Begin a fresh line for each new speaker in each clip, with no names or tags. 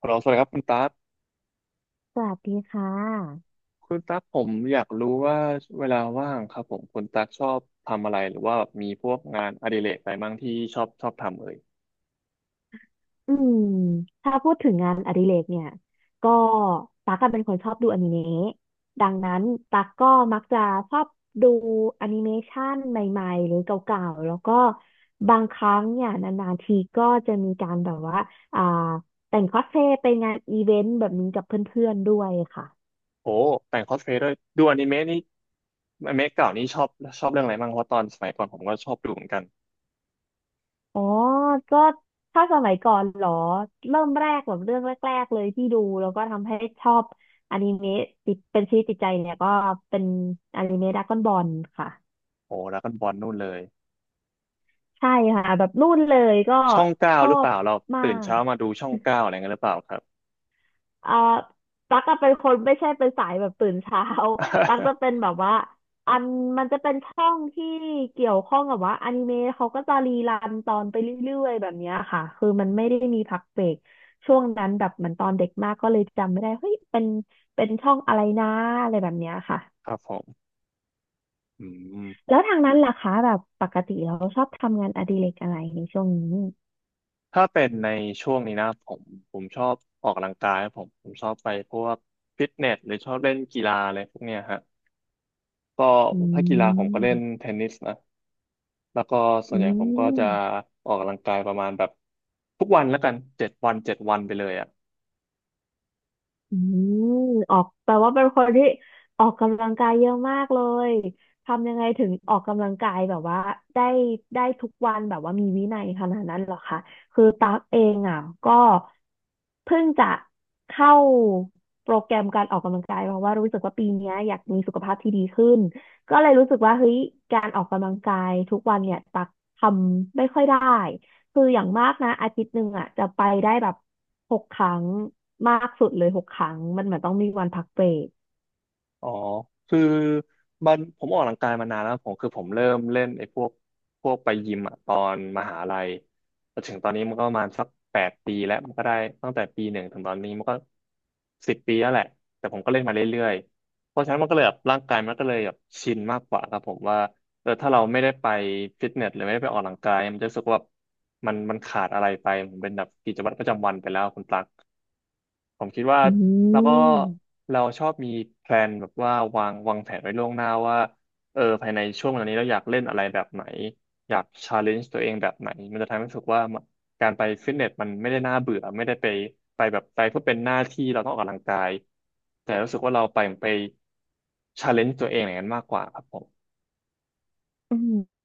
ฮัลโหลสวัสดีครับคุณตั๊ก
สวัสดีค่ะ
คุณตั๊กผมอยากรู้ว่าเวลาว่างครับผมคุณตั๊กชอบทำอะไรหรือว่าแบบมีพวกงานอดิเรกอะไรบ้างที่ชอบทำเอ่ย
อืม ถ้าพูดถึงงานอดิเรกเนี่ย ก็ตั๊กอะเป็นคนชอบดูอนิเมะดังนั้นตั๊กก็มักจะชอบดูแอนิเมชันใหม่ๆหรือเก่าๆ แล้วก็บางครั้งเนี่ยนานๆทีก็จะมีการแบบว่าอ่าแต่งคอสเพลย์ไปงานอีเวนต์แบบนี้กับเพื่อนๆด้วยค่ะ
โอ้แต่งคอสเพลย์ด้วยดูอนิเมะนี่อนิเมะเก่านี่ชอบเรื่องอะไรบ้างเพราะตอนสมัยก่อนผมก็ชอบดูเหมือนกัน
อ๋อ ก็ถ้าสมัยก่อนเหรอ เริ่มแรกแบบเรื่องแรกๆเลยที่ดูแล้วก็ทำให้ชอบอนิเมะติดเป็นชีวิตจิตใจเนี่ยก็เป็นอนิเมะดราก้อนบอลค่ะ
โอ้แล้วก็บอลนู่นเลย
ใช่ค่ะแบบนู่นเลยก็
ช่องเก้า
ชอ
หรือเป
บ
ล่าเรา
มา
ตื่นเช้า
ก
มาดูช่องเก้าอะไรเงี้ยหรือเปล่าครับ
เอ่อตั๊กจะเป็นคนไม่ใช่เป็นสายแบบตื่นเช้า ตั๊กจะเป็นแบบว่าอันมันจะเป็นช่องที่เกี่ยวข้องกับว่าอนิเมะเขาก็จะรีรันตอนไปเรื่อยๆแบบเนี้ยค่ะคือมันไม่ได้มีพักเบรกช่วงนั้นแบบเหมือนตอนเด็กมากก็เลยจำไม่ได้เฮ้ยเป็นช่องอะไรนะอะไรแบบเนี้ยค่ะ
ครับผมอืม
แล้วทางนั้นล่ะคะแบบปกติเราชอบทำงานอดิเรกอะไรในช่วงนี้
ถ้าเป็นในช่วงนี้นะผมชอบออกกำลังกายครับผมชอบไปพวกฟิตเนสหรือชอบเล่นกีฬาอะไรพวกเนี้ยฮะก็
อื
ถ้ากีฬาผมก็เล่น
ม
เทนนิสนะแล้วก็ส่วน
อื
ใหญ่ผมก็
ม
จะออกกำลังกายประมาณแบบทุกวันแล้วกันเจ็ดวันเจ็ดวันไปเลยอ่ะ
อืมออกแปลว่าเป็นคนที่ออกกำลังกายเยอะมากเลยทำยังไงถึงออกกำลังกายแบบว่าได้ได้ทุกวันแบบว่ามีวินัยขนาดนั้นเหรอคะคือตั๊กเองอ่ะก็เพิ่งจะเข้าโปรแกรมการออกกำลังกายเพราะว่ารู้สึกว่าปีเนี้ยอยากมีสุขภาพที่ดีขึ้นก็เลยรู้สึกว่าเฮ้ยการออกกำลังกายทุกวันเนี่ยตั๊กทำไม่ค่อยได้ คืออย่างมากนะอาทิตย์หนึ่งอ่ะจะไปได้แบบหกครั้งมากสุดเลยหกครั้งมันเหมือนต้องมีวันพักเบรก
อ๋อคือมันผมออกกำลังกายมานานแล้วผมคือผมเริ่มเล่นไอ้พวกพวกไปยิมอะตอนมหาลัยแต่ถึงตอนนี้มันก็ประมาณสัก8 ปีแล้วมันก็ได้ตั้งแต่ปีหนึ่งถึงตอนนี้มันก็10 ปีแล้วแหละแต่ผมก็เล่นมาเรื่อยๆเพราะฉะนั้นมันก็เลยแบบร่างกายมันก็เลยแบบชินมากกว่าครับผมว่าเออถ้าเราไม่ได้ไปฟิตเนสหรือไม่ได้ไปออกกำลังกายมันจะรู้สึกว่าแบบมันขาดอะไรไปมันเป็นแบบกิจวัตรประจำวันไปแล้วคุณตั๊ก ผมคิดว่า
อื
แล้วก็
ม
เราชอบมีแพลนแบบว่าวางแผนไว้ล่วงหน้าว่าเออภายในช่วงเวลานี้เราอยากเล่นอะไรแบบไหนอยากชาเลนจ์ตัวเองแบบไหนมันจะทำให้รู้สึกว่าการไปฟิตเนสมันไม่ได้น่าเบื่อไม่ได้ไปไปแบบไปเพื่อเป็นหน้าที่เราต้องออกกำลังกายแต่รู้สึกว่าเราไปชาเลนจ์ตัวเองอย่างนั้นมากกว่าครับผม
อืม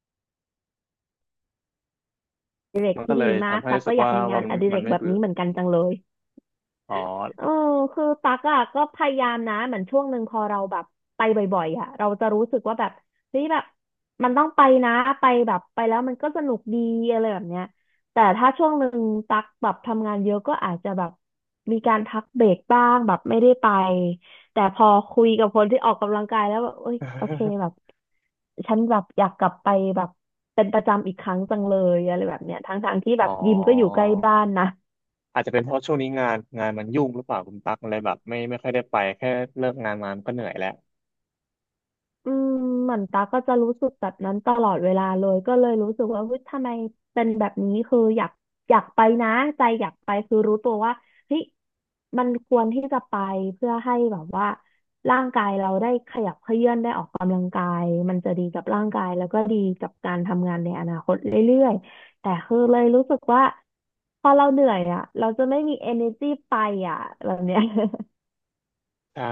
อดิเรก
มันก็
ที่
เล
ดี
ย
มาก
ทำให้
ตัก
รู้สึ
ก็
ก
อยาก
ว่า
มีงา
ว่า
น
มัน
อดิเร
มัน
ก
ไม่
แบบ
เบื่อ
นี้เหมือนกันจังเลย
อ๋อ
เออคือตักอ่ะก็พยายามนะเหมือนช่วงหนึ่งพอเราแบบไปบ่อยๆอ่ะเราจะรู้สึกว่าแบบเฮ้ยแบบมันต้องไปนะไปแบบไปแล้วมันก็สนุกดีอะไรแบบเนี้ยแต่ถ้าช่วงหนึ่งตักแบบทำงานเยอะก็อาจจะแบบมีการพักเบรกบ้างแบบไม่ได้ไปแต่พอคุยกับคนที่ออกกำลังกายแล้วแบบเอ้ยโอเคแบบ ฉันแบบอยากกลับไปแบบเป็นประจำอีกครั้งจังเลยอะไรแบบเนี้ยทั้งๆที่แบ
อ๋อ
บยิมก็อยู่ใกล้บ้านนะ
อาจจะเป็นเพราะช่วงนี้งานมันยุ่งหรือเปล่าคุณตั๊กอะไรแบบไม่ค่อยได้ไปแค่เลิกงานมามันก็เหนื่อยแล้ว
อืมเหมือนตาก็จะรู้สึกแบบนั้นตลอดเวลาเลยก็เลยรู้สึกว่าเฮ้ยทำไมเป็นแบบนี้คืออยากไปนะใจอยากไปคือรู้ตัวว่าเฮ้ยมันควรที่จะไปเพื่อให้แบบว่าร่างกายเราได้ขยับเขยื้อนได้ออกกำลังกายมันจะดีกับร่างกายแล้วก็ดีกับการทำงานในอนาคตเรื่อยๆแต่คือเลยรู้สึกว่าพอเราเหนื่อยอ่ะเราจะไม่มี energy ไปอ่ะแบบเนี้ย
ใช่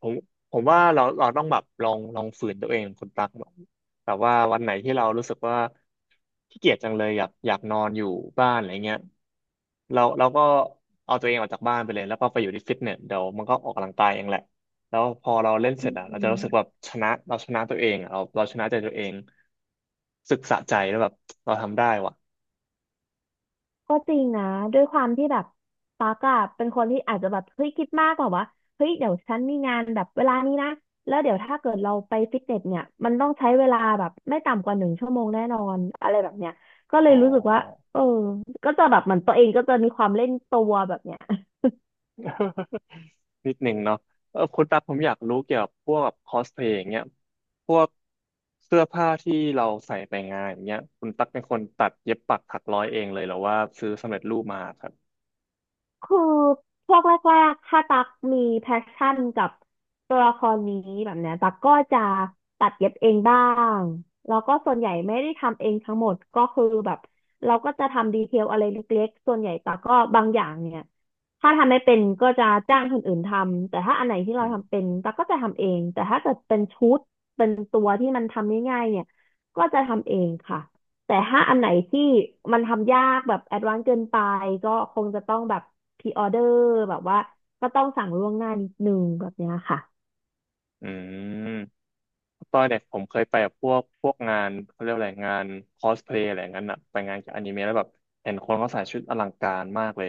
ผมผมว่าเราต้องแบบลองฝืนตัวเองคุณตั๊กแบบแบบว่าวันไหนที่เรารู้สึกว่าขี้เกียจจังเลยอยากนอนอยู่บ้านอะไรเงี้ยเราก็เอาตัวเองออกจากบ้านไปเลยแล้วก็ไปอยู่ที่ฟิตเนสเดี๋ยวมันก็ออกกำลังกายเองแหละแล้วพอเราเล่นเส
อื
ร็จอะเราจะรู้สึกแบ
ม
บชนะเราชนะตัวเองอะเราชนะใจตัวเองรู้สึกสะใจแล้วแบบเราทำได้ว่ะ
ก็จริงนะด้วยความที่แบบตากอะเป็นคนที่อาจจะแบบเฮ้ยคิดมากแบบว่าเฮ้ยเดี๋ยวฉันมีงานแบบเวลานี้นะแล้วเดี๋ยวถ้าเกิดเราไปฟิตเนสเนี่ยมันต้องใช้เวลาแบบไม่ต่ำกว่า1 ชั่วโมงแน่นอนอะไรแบบเนี้ยก็เล
อ๋
ย
อ
รู้สึกว่าเออก็จะแบบเหมือนตัวเองก็จะมีความเล่นตัวแบบเนี้ย
นิดหนึ่งเนาะเออคุณตั๊กผมอยากรู้เกี่ยวกับพวกคอสเพลย์อย่างเงี้ยพวกเสื้อผ้าที่เราใส่ไปงานอย่างเงี้ยคุณตั๊กเป็นคนตัดเย็บปักถักร้อยเองเลยเหรอว่าซื้อสำเร็จรูปมาครับ
คือช่วงแรกๆถ้าตักมีแพชชั่นกับตัวละครนี้แบบเนี้ยตักก็จะตัดเย็บเองบ้างแล้วก็ส่วนใหญ่ไม่ได้ทำเองทั้งหมดก็คือแบบเราก็จะทำดีเทลอะไรเล็กๆส่วนใหญ่ตักก็บางอย่างเนี่ยถ้าทำไม่เป็นก็จะจ้างคนอื่นทำแต่ถ้าอันไหนที่
อื
เราทำ
ม
เป็นตักก็จะทำเองแต่ถ้าเกิดเป็นชุดเป็นตัวที่มันทำง่ายๆเนี่ยก็จะทำเองค่ะแต่ถ้าอันไหนที่มันทำยากแบบแอดวานซ์เกินไปก็คงจะต้องแบบ พรีออเดอร์แบบว่าก็ต้องสั่งล่วงหน้านิดนึงแบบเนี้ยค่ะ
อืม ตอนเด็กผมเคยไปแบบพวกพวกงานเขาเรียกอะไรงานคอสเพลย์อะไรอย่างนั้นอะไปงานเกี่ยวกับอนิเมะแล้วแบบเห็นคนเขาใส่ชุดอลังการมากเลย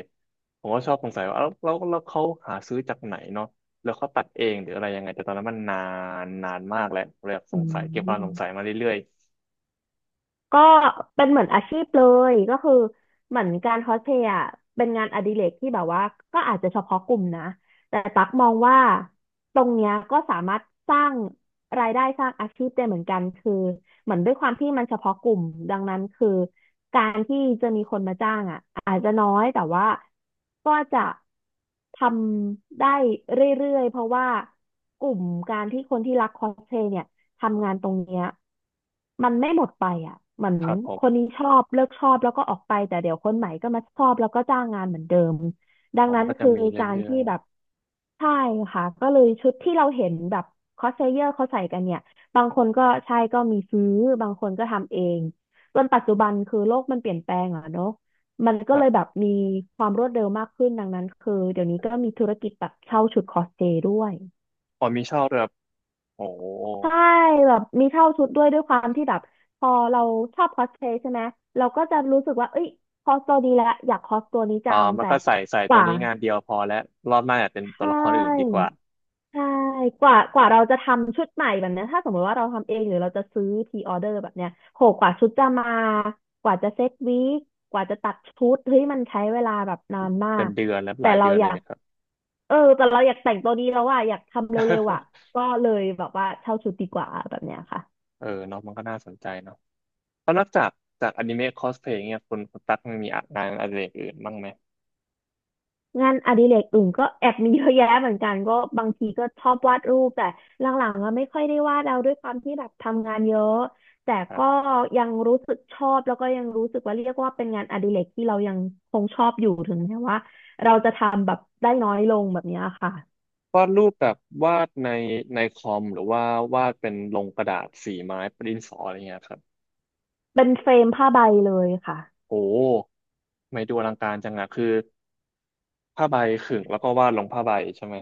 ผมก็ชอบสงสัยว่าแล้วเขาหาซื้อจากไหนเนาะแล้วเขาตัดเองหรืออะไรยังไงแต่ตอนนั้นมันนานนานมากแล้วผมเลยแบบส
อื
งสัยเก็บความสงสัย
ม
มาเรื่อย
ก็เป็นเหมือนอาชีพเลยก็คือเหมือนการคอสเพลย์อะเป็นงานอดิเรกที่แบบว่าก็อาจจะเฉพาะกลุ่มนะแต่ตักมองว่าตรงเนี้ยก็สามารถสร้างรายได้สร้างอาชีพได้เหมือนกันคือเหมือนด้วยความที่มันเฉพาะกลุ่มดังนั้นคือการที่จะมีคนมาจ้างอ่ะอาจจะน้อยแต่ว่าก็จะทำได้เรื่อยๆเพราะว่ากลุ่มการที่คนที่รักคอสเพลย์เนี่ย ทำงานตรงเนี้ยมันไม่หมดไปอ่ะเหมือน
ๆครับผ
ค
ม
นนี้ชอบเลิกชอบแล้วก็ออกไปแต่เดี๋ยวคนใหม่ก็มาชอบแล้วก็จ้างงานเหมือนเดิมดั
ผ
ง
ม
นั้
มัน
น
ก็จะ
คือ
มี
การ
เรื่อ
ที่
ย
แบบใช่ค่ะก็เลยชุดที่เราเห็นแบบคอสเพลเยอร์เขาใส่กันเนี่ยบางคนก็ใช่ก็มีซื้อบางคนก็ทำเองจนปัจจุบันคือโลกมันเปลี่ยนแปลงอ่ะเนาะมัน
ๆค
ก็
รั
เล
บ
ยแบบมีความรวดเร็วมากขึ้นดังนั้นคือเดี๋ยวนี้ก็มีธุรกิจแบบเช่าชุดคอสเพลย์ด้วย
พอมีชอบด้วยแบบโอ้โห
ใช่แบบมีเช่าชุดด้วยด้วยความที่แบบพอเราชอบคอสเพลย์ใช่ไหมเราก็จะรู้สึกว่าเอ้ยคอสตัวนี้แหล้อยากคอสตัวนี้จัง
มัน
แต่
ก็ใส่
ก
ตัว
ว่า
นี้งานเดียวพอแล้วรอบหน้าอยากเป็นตัว
ใช่
ละครอื่นดีกว่า
ใช่กว่าเราจะทำชุดใหม่แบบเนี้ยถ้าสมมติว่าเราทำเองหรือเราจะซื้อพรีออเดอร์แบบเนี้ยโหกว่าชุดจะมากว่าจะเซ็ตวีคกว่าจะตัดชุดเฮ้ยมันใช้เวลาแบบนานมา
เป็น
ก
เดือนและห
แต่
ลาย
เรา
เดือน
อ
เล
ยา
ย
ก
เนะครับ
เออแต่เราอยากแต่งตัวนี้แล้วว่าอะอยากทำเร็วๆอ่ะ ก็เลยแบบว่าเช่าชุดดีกว่าแบบเนี้ยค่ะ
เออเนาะมันก็น่าสนใจเนาะ แล้วนอกจากจากอนิเมะคอสเพลย์เนี่ยคุณตั๊กมันมีอ่านงานอดิเรกอื่นบ้างไหม
งานอดิเรกอื่นก็แอบมีเยอะแยะเหมือนกันก็บางทีก็ชอบวาดรูปแต่หลังๆก็ไม่ค่อยได้วาดแล้วด้วยความที่แบบทำงานเยอะแต่
ครับ
ก็ยังรู้สึกชอบแล้วก็ยังรู้สึกว่าเรียกว่าเป็นงานอดิเรกที่เรายังคงชอบอยู่ถึงแม้ว่าเราจะทำแบบได้น้อยลงแบบเนี้ยค่ะ
วาดรูปแบบวาดในในคอมหรือว่าวาดเป็นลงกระดาษสีไม้ประดินสออะไรเงี้ยครับ
เป็นเฟรมผ้าใบเลยค่ะ
โอ้ไม่ดูอลังการจังอะคือผ้าใบขึงแล้วก็วาดลงผ้าใบใช่ไหม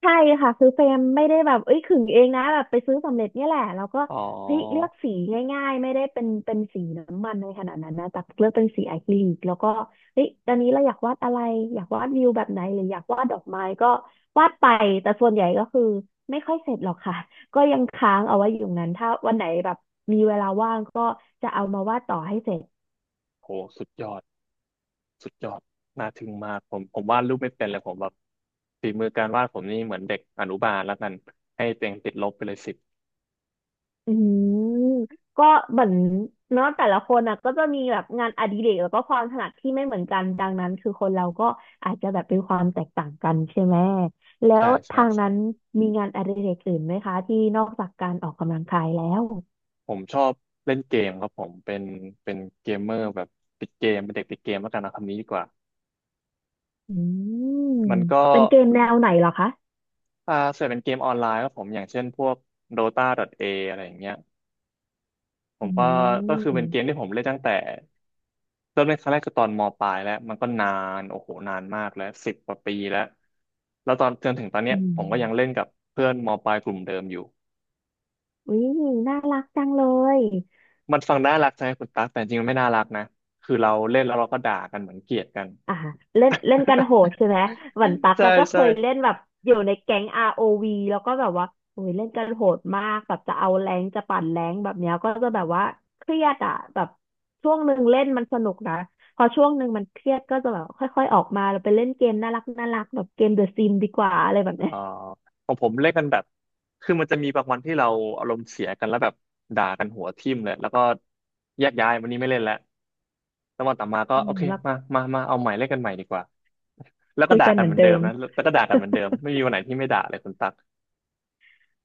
ใช่ค่ะคือเฟรมไม่ได้แบบเอ้ยขึงเองนะแบบไปซื้อสำเร็จเนี่ยแหละแล้วก็
อ๋อ
เฮ้ยเลือกสีง่ายๆไม่ได้เป็นสีน้ำมันในขนาดนั้นนะแต่เลือกเป็นสีอะคริลิกแล้วก็เฮ้ยตอนนี้เราอยากวาดอะไรอยากวาดวิวแบบไหนหรืออยากวาดดอกไม้ก็วาดไปแต่ส่วนใหญ่ก็คือไม่ค่อยเสร็จหรอกค่ะก็ยังค้างเอาไว้อยู่นั้นถ้าวันไหนแบบมีเวลาว่างก็จะเอามาวาดต่อให้เสร็จ
โหสุดยอดสุดยอดน่าทึ่งมากผมวาดรูปไม่เป็นเลยผมแบบฝีมือการวาดผมนี่เหมือนเด็กอนุบาลแล้วกันให้เต็งติดลบไปเลยสิบ
อืมก็เหมือนเนาะแต่ละคนอ่ะก็จะมีแบบงานอดิเรกแล้วก็ความถนัดที่ไม่เหมือนกันดังนั้นคือคนเราก็อาจจะแบบเป็นความแตกต่างกันใช่ไหมแล้ว
ใช่ใช่
ทาง
ใช่
นั้นมีงานอดิเรกอื่นไหมคะที่นอกจากการออกกำลังกายแล้ว
ผมชอบเล่นเกมครับผมเป็นเกมเมอร์แบบติดเกมเป็นเด็กติดเกมแล้วกันนะคำนี้ดีกว่า
อืม
มันก็
เป็นเกมแนวไหนเหรอคะ
อ่าส่วนใหญ่เป็นเกมออนไลน์ครับผมอย่างเช่นพวก Dota.A ออะไรอย่างเงี้ยผ
อื
มก็คือเป็นเกม
ม
ที่ผมเล่นตั้งแต่เริ่มเล่นครั้งแรกคือตอนมปลายแล้วมันก็นานโอ้โหนานมากแล้ว10 กว่าปีแล้วแล้วตอนจนถึงตอนเนี้
อื
ยผมก็ยังเล่น
ม
กับเพื่อนมปลายกลุ่มเดิมอยู่
อุ้ยน่ารักจังเลย
มันฟังน่ารักใช่ไหมคุณตั๊กแต่จริงๆมันไม่น่ารักนะคือเราเล่นแล้วเราก็ด่ากันเหมือนเกลียดกัน
อ่าเล่นเล่นกันโหดใช่ไหมเหมือนตั๊ก
ใช่
อะก็เคยเล่
ใช่
นแบบอยู่ในแก๊ง ROV แล้วก็แบบว่าโอ้ยเล่นกันโหดมากแบบจะเอาแรงจะปั่นแรงแบบเนี้ยก็จะแบบว่าเครียดอะแบบช่วงหนึ่งเล่นมันสนุกนะพอช่วงหนึ่งมันเครียดก็จะแบบค่อยๆออกมาเราไปเล่นเกมน่ารักน่ารักแบบเกมเดอะซิมดีกว่าอะไรแบบ
เอ่อ
เนี้ย
ของผมเล่นกันแบบคือมันจะมีบางวันที่เราอารมณ์เสียกันแล้วแบบด่ากันหัวทิ่มเลยแล้วก็แยกย้ายวันนี้ไม่เล่นแล้วแล้ววันต่อมาก็
อื
โอ
ม
เค
แล้ว
มามามาเอาใหม่เล่นกันใหม่ดีกว่าแล้วก็
คุย
ด่า
กัน
กั
เห
น
มื
เห
อ
มื
น
อนเดิ
เดิ
ม
ม
นะแล้วก็ด่ากันเหมือนเดิมไม่มีวันไหนที่ไม่ด่าเลยคุณตั๊ก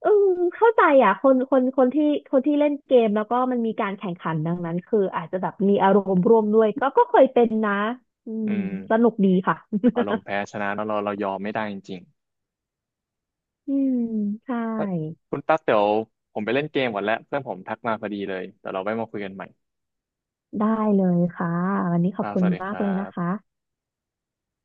อืมเข้าใจอ่ะคนที่คนที่เล่นเกมแล้วก็มันมีการแข่งขันดังนั้นคืออาจจะแบบมีอารมณ์ร่วมด้วยก็ก็เคยเป็นนะอื
อื
ม
ม
สนุกดีค่ะ
อารมณ์แพ้ชนะเนอะเรายอมไม่ได้จริง
อืมใช่
ๆเอ้ยคุณตั๊กเดี๋ยวผมไปเล่นเกมก่อนแล้วเพื่อนผมทักมาพอดีเลยเดี๋ยวเราไว้มาคุยกันใหม่
ได้เลยค่ะวันนี้
ค
ขอบ
รับ
คุ
ส
ณ
วัสดีค
มาก
รั
เลยนะ
บ
คะ